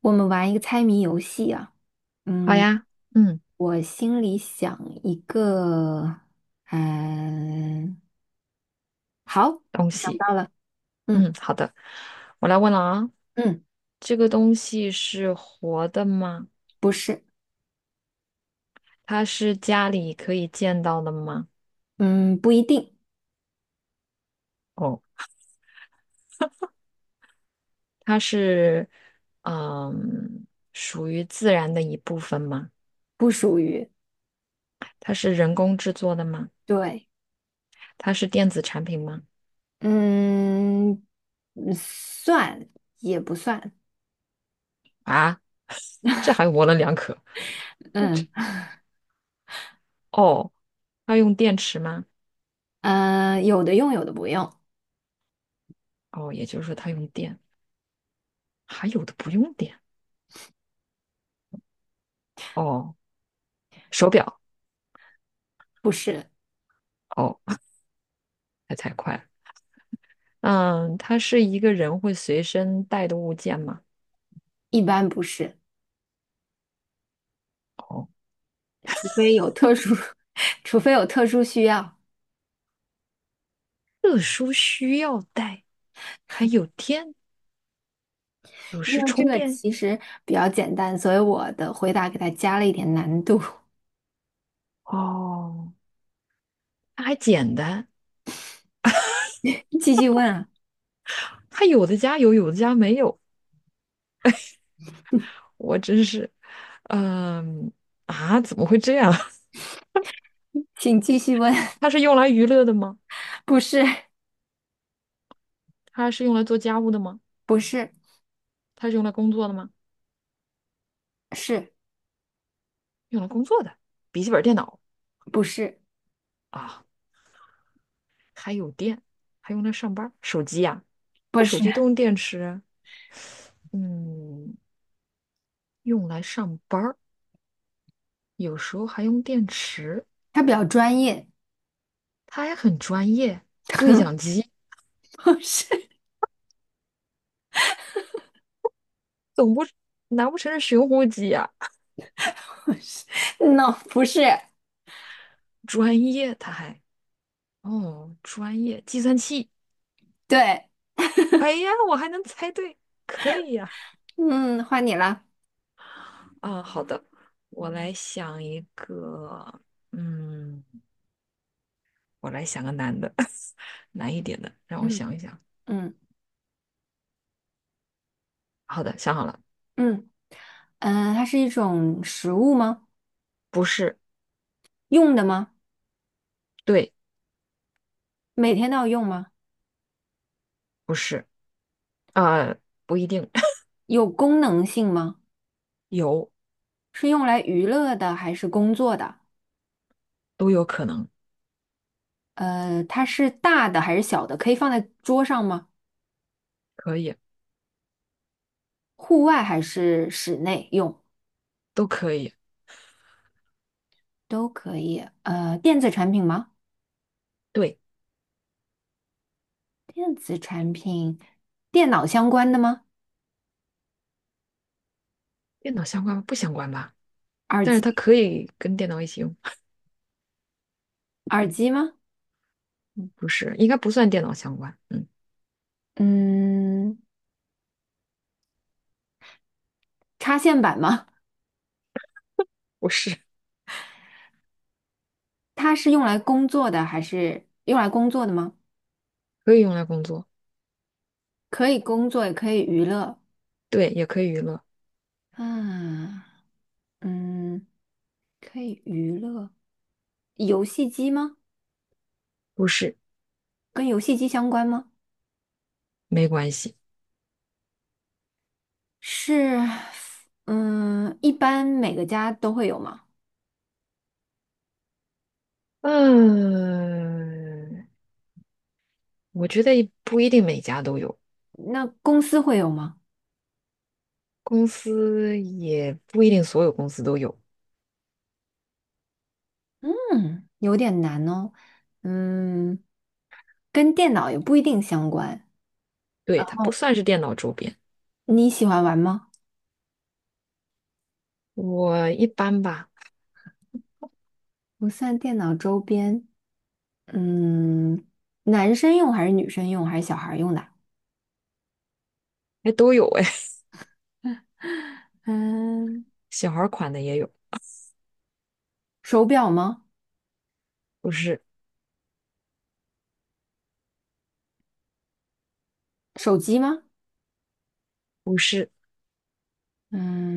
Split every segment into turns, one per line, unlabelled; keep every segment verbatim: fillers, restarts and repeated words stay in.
我们玩一个猜谜游戏啊。
好
嗯，
呀。嗯。
我心里想一个。嗯，好，我
东
想
西。
到了。嗯
嗯，好的，我来问了啊。
嗯，
这个东西是活的吗？
不是。
它是家里可以见到的吗？
嗯，不一定。
哦，它是，嗯，属于自然的一部分吗？
不属于。
它是人工制作的吗？
对。
它是电子产品吗？
嗯，嗯算也不算。
啊，这还模棱两可。
嗯
哦，它用电池吗？
嗯，有的用，有的不用。
哦，也就是说它用电，还有的不用电。哦，手表。
不是。
哦，还太快了。嗯，它是一个人会随身带的物件吗？
一般不是。
哦
除非有特殊，除非有特殊需要。
特殊需要带，还有电，有
因
时
为这
充
个
电。
其实比较简单，所以我的回答给它加了一点难度。
哦，它还简单，
继续问啊，
它有的家有，有的家没有，我真是，嗯啊，怎么会这样？
请继续问。
它是用来娱乐的吗？
不是。
它是用来做家务的吗？
不是。
它是用来工作的吗？
是
用来工作的，笔记本电脑
不是？
啊，还有电，还用来上班儿手机呀、
不
这手
是，
机都用电池啊。嗯，用来上班儿，有时候还用电池，
它比较专业。
他还很专业。对讲机，
不是。
总不难不成是寻呼机呀、
不是嗯，no，不是。
专业，他还哦，专业计算器。
对。
哎呀，我还能猜对，可以呀、
嗯，换你了。
啊，好的，我来想一个。嗯，我来想个难的，难一点的，让我
嗯
想一想。
嗯
好的，想好了。
嗯，呃，它是一种食物吗？
不是。
用的吗？
对。
每天都要用吗？
不是。啊，不一定。
有功能性吗？
有。
是用来娱乐的还是工作的？
都有可能。
呃，它是大的还是小的？可以放在桌上吗？
可以。
户外还是室内用
都可以。
都可以。呃，电子产品吗？
对。
电子，电脑相关的吗？
电脑相关吗？不相关吧？
耳
但是它
机，
可以跟电脑一起用。
耳机吗？
不是，应该不算电脑相关。嗯，
嗯，插线板吗？
不是。
它是用来工作的还是用来工作的吗？
可以用来工作。
可以工作，也可以娱乐。
对，也可以娱乐。
啊，嗯，可以娱乐。游戏机吗？
不是。
跟游戏机相关吗？
没关系。
是。嗯，一般每个家都会有吗？
嗯，我觉得不一定每家都有。
那公司会有吗？
公司也不一定所有公司都有。
嗯，有点难哦。嗯，跟电脑也不一定相关。
对，它不
哦，
算是电脑周边。
你喜欢玩吗？
我一般吧。
不算电脑周边。嗯，男生用还是女生用还是小孩儿用的？
还都有哎。
嗯，
小孩儿款的也有。
手表吗？
不是。
手机吗？
不是。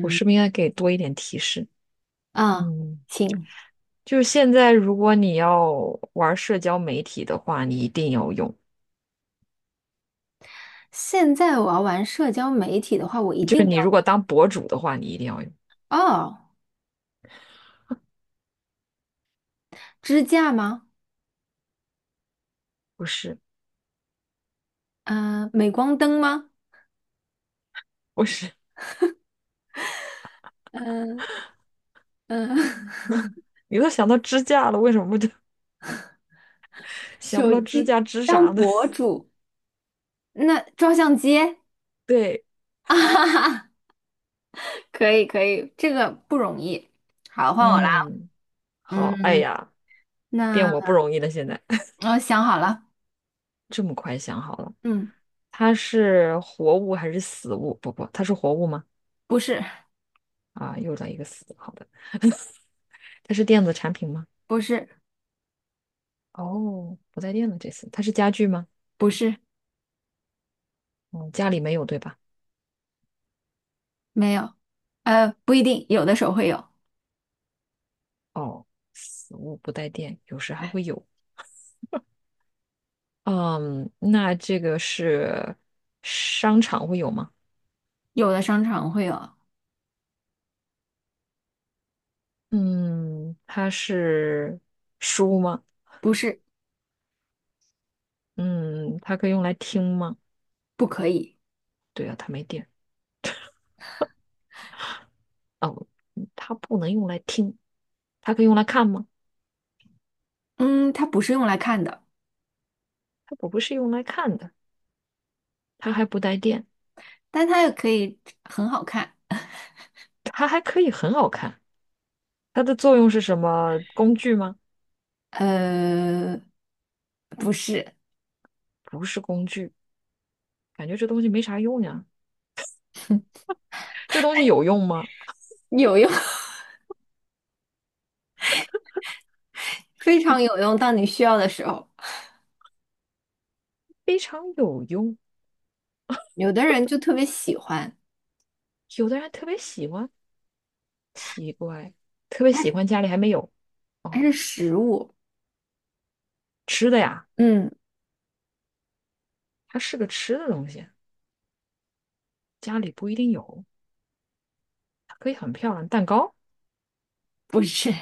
我是不是应该给多一点提示？
啊，
嗯。
请。
就是现在，如果你要玩社交媒体的话，你一定要用。
现在我要玩社交媒体的话，我一
就
定
是你如
要
果当博主的话，你一定要用。
哦，支架吗？
不是。
嗯、镁光灯吗？
不是，
嗯嗯，
你都想到支架了，为什么就 想不
手
到支架
机
支
当
啥呢？
博 主，那照相机。
对。
啊哈哈，可以可以，这个不容易。好，换我啦。
嗯，好，哎
嗯，
呀，变
那
我不容易了，现在
我想好了。
这么快想好了。
嗯，
它是活物还是死物？不不，它是活物吗？
不是。
啊，又来一个死，好的，它是电子产品吗？
不是。
哦，不带电了，这次它是家具吗？
不是。
嗯，家里没有，对吧？
没有。呃，不一定，有的时候会有，
哦，死物不带电，有时还会有。嗯，那这个是商场会有吗？
有的商场会有。
嗯，它是书吗？
不是。
嗯，它可以用来听吗？
不可以。
对啊，它没电。哦，嗯它不能用来听，它可以用来看吗？
嗯，它不是用来看的，
它不是用来看的，它还不带电，
但它也可以很好看。
它还可以很好看。它的作用是什么？工具吗？
呃，不是。
不是工具，感觉这东西没啥用呀。这东西有用吗？
有用，非常有用。当你需要的时候，
非常有用。
有的人就特别喜欢，
有的人特别喜欢，奇怪，特别
它
喜
是
欢家里还没有
它
哦。
是食物。
吃的呀，
嗯，
它是个吃的东西，家里不一定有，它可以很漂亮。蛋糕
不是。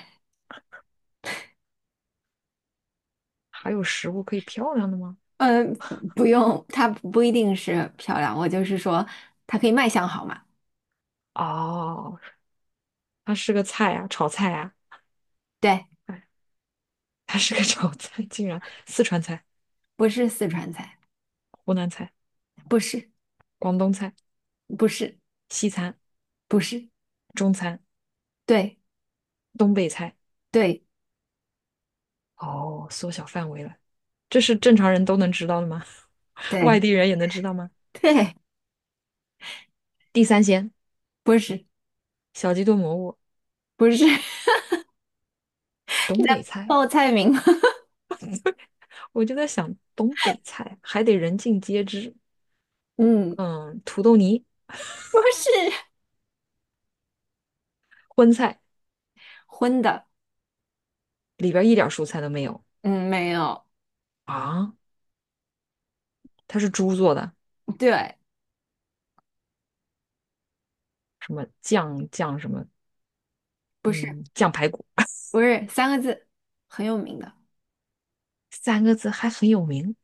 还有食物可以漂亮的吗？
嗯，不用，它不一定是漂亮，我就是说它可以卖相好嘛。
哦，它是个菜啊，炒菜啊，
对，
哎，它是个 炒菜，竟然四川菜、
不是四川菜。
湖南菜、
不是。
广东菜、
不是。
西餐、
不是。
中餐、
对。
东北菜，
对。
哦，缩小范围了，这是正常人都能知道的吗？外
对。
地人也能知道吗？
对。
地三鲜、
不是。
小鸡炖蘑菇、
不是。
东北菜。
报菜名吗？
我就在想，东北菜还得人尽皆知。
嗯，
嗯，土豆泥、
不是，
荤菜
荤的，
里边一点蔬菜都没有
嗯，没有。
啊，它是猪做的，
对，
什么酱酱什么。
不是。
嗯，酱排骨，
不是，三个字，很有名的，
三个字还很有名。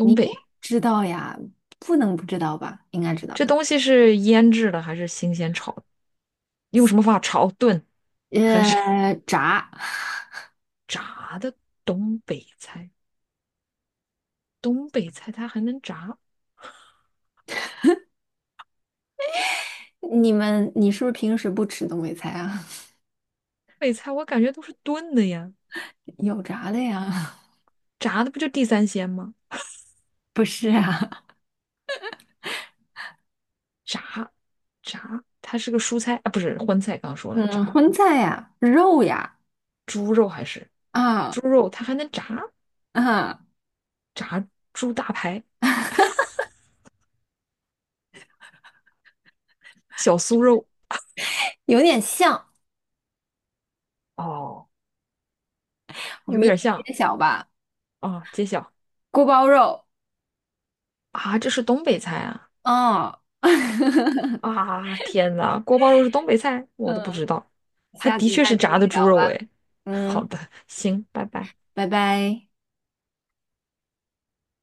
你应该
北
知道呀，不能不知道吧？应该知道
这
的。
东西是腌制的还是新鲜炒的用什么方法炒、炖还是
呃，炸。
炸的？东北菜，东北菜它还能炸？
你们，你是不是平时不吃东北菜啊？
北菜我感觉都是炖的呀，
有炸的呀。
炸的不就地三鲜吗？
不是啊。
炸炸，它是个蔬菜啊，不是荤菜，刚刚说了
嗯，
炸
荤菜呀，肉呀。
猪肉还是
啊
猪肉，它还能炸
啊，
猪大排、小酥肉
有点像。
哦，有
谜
点
底
像
揭小吧，
啊，揭晓
锅包肉。
啊，这是东北菜啊
哦，
啊！天哪，锅包肉是东北菜，我都不
嗯，
知道，它
下
的
次
确
再
是
跟你
炸的猪
聊吧。
肉哎。好
嗯，
的，行，拜拜。
拜拜。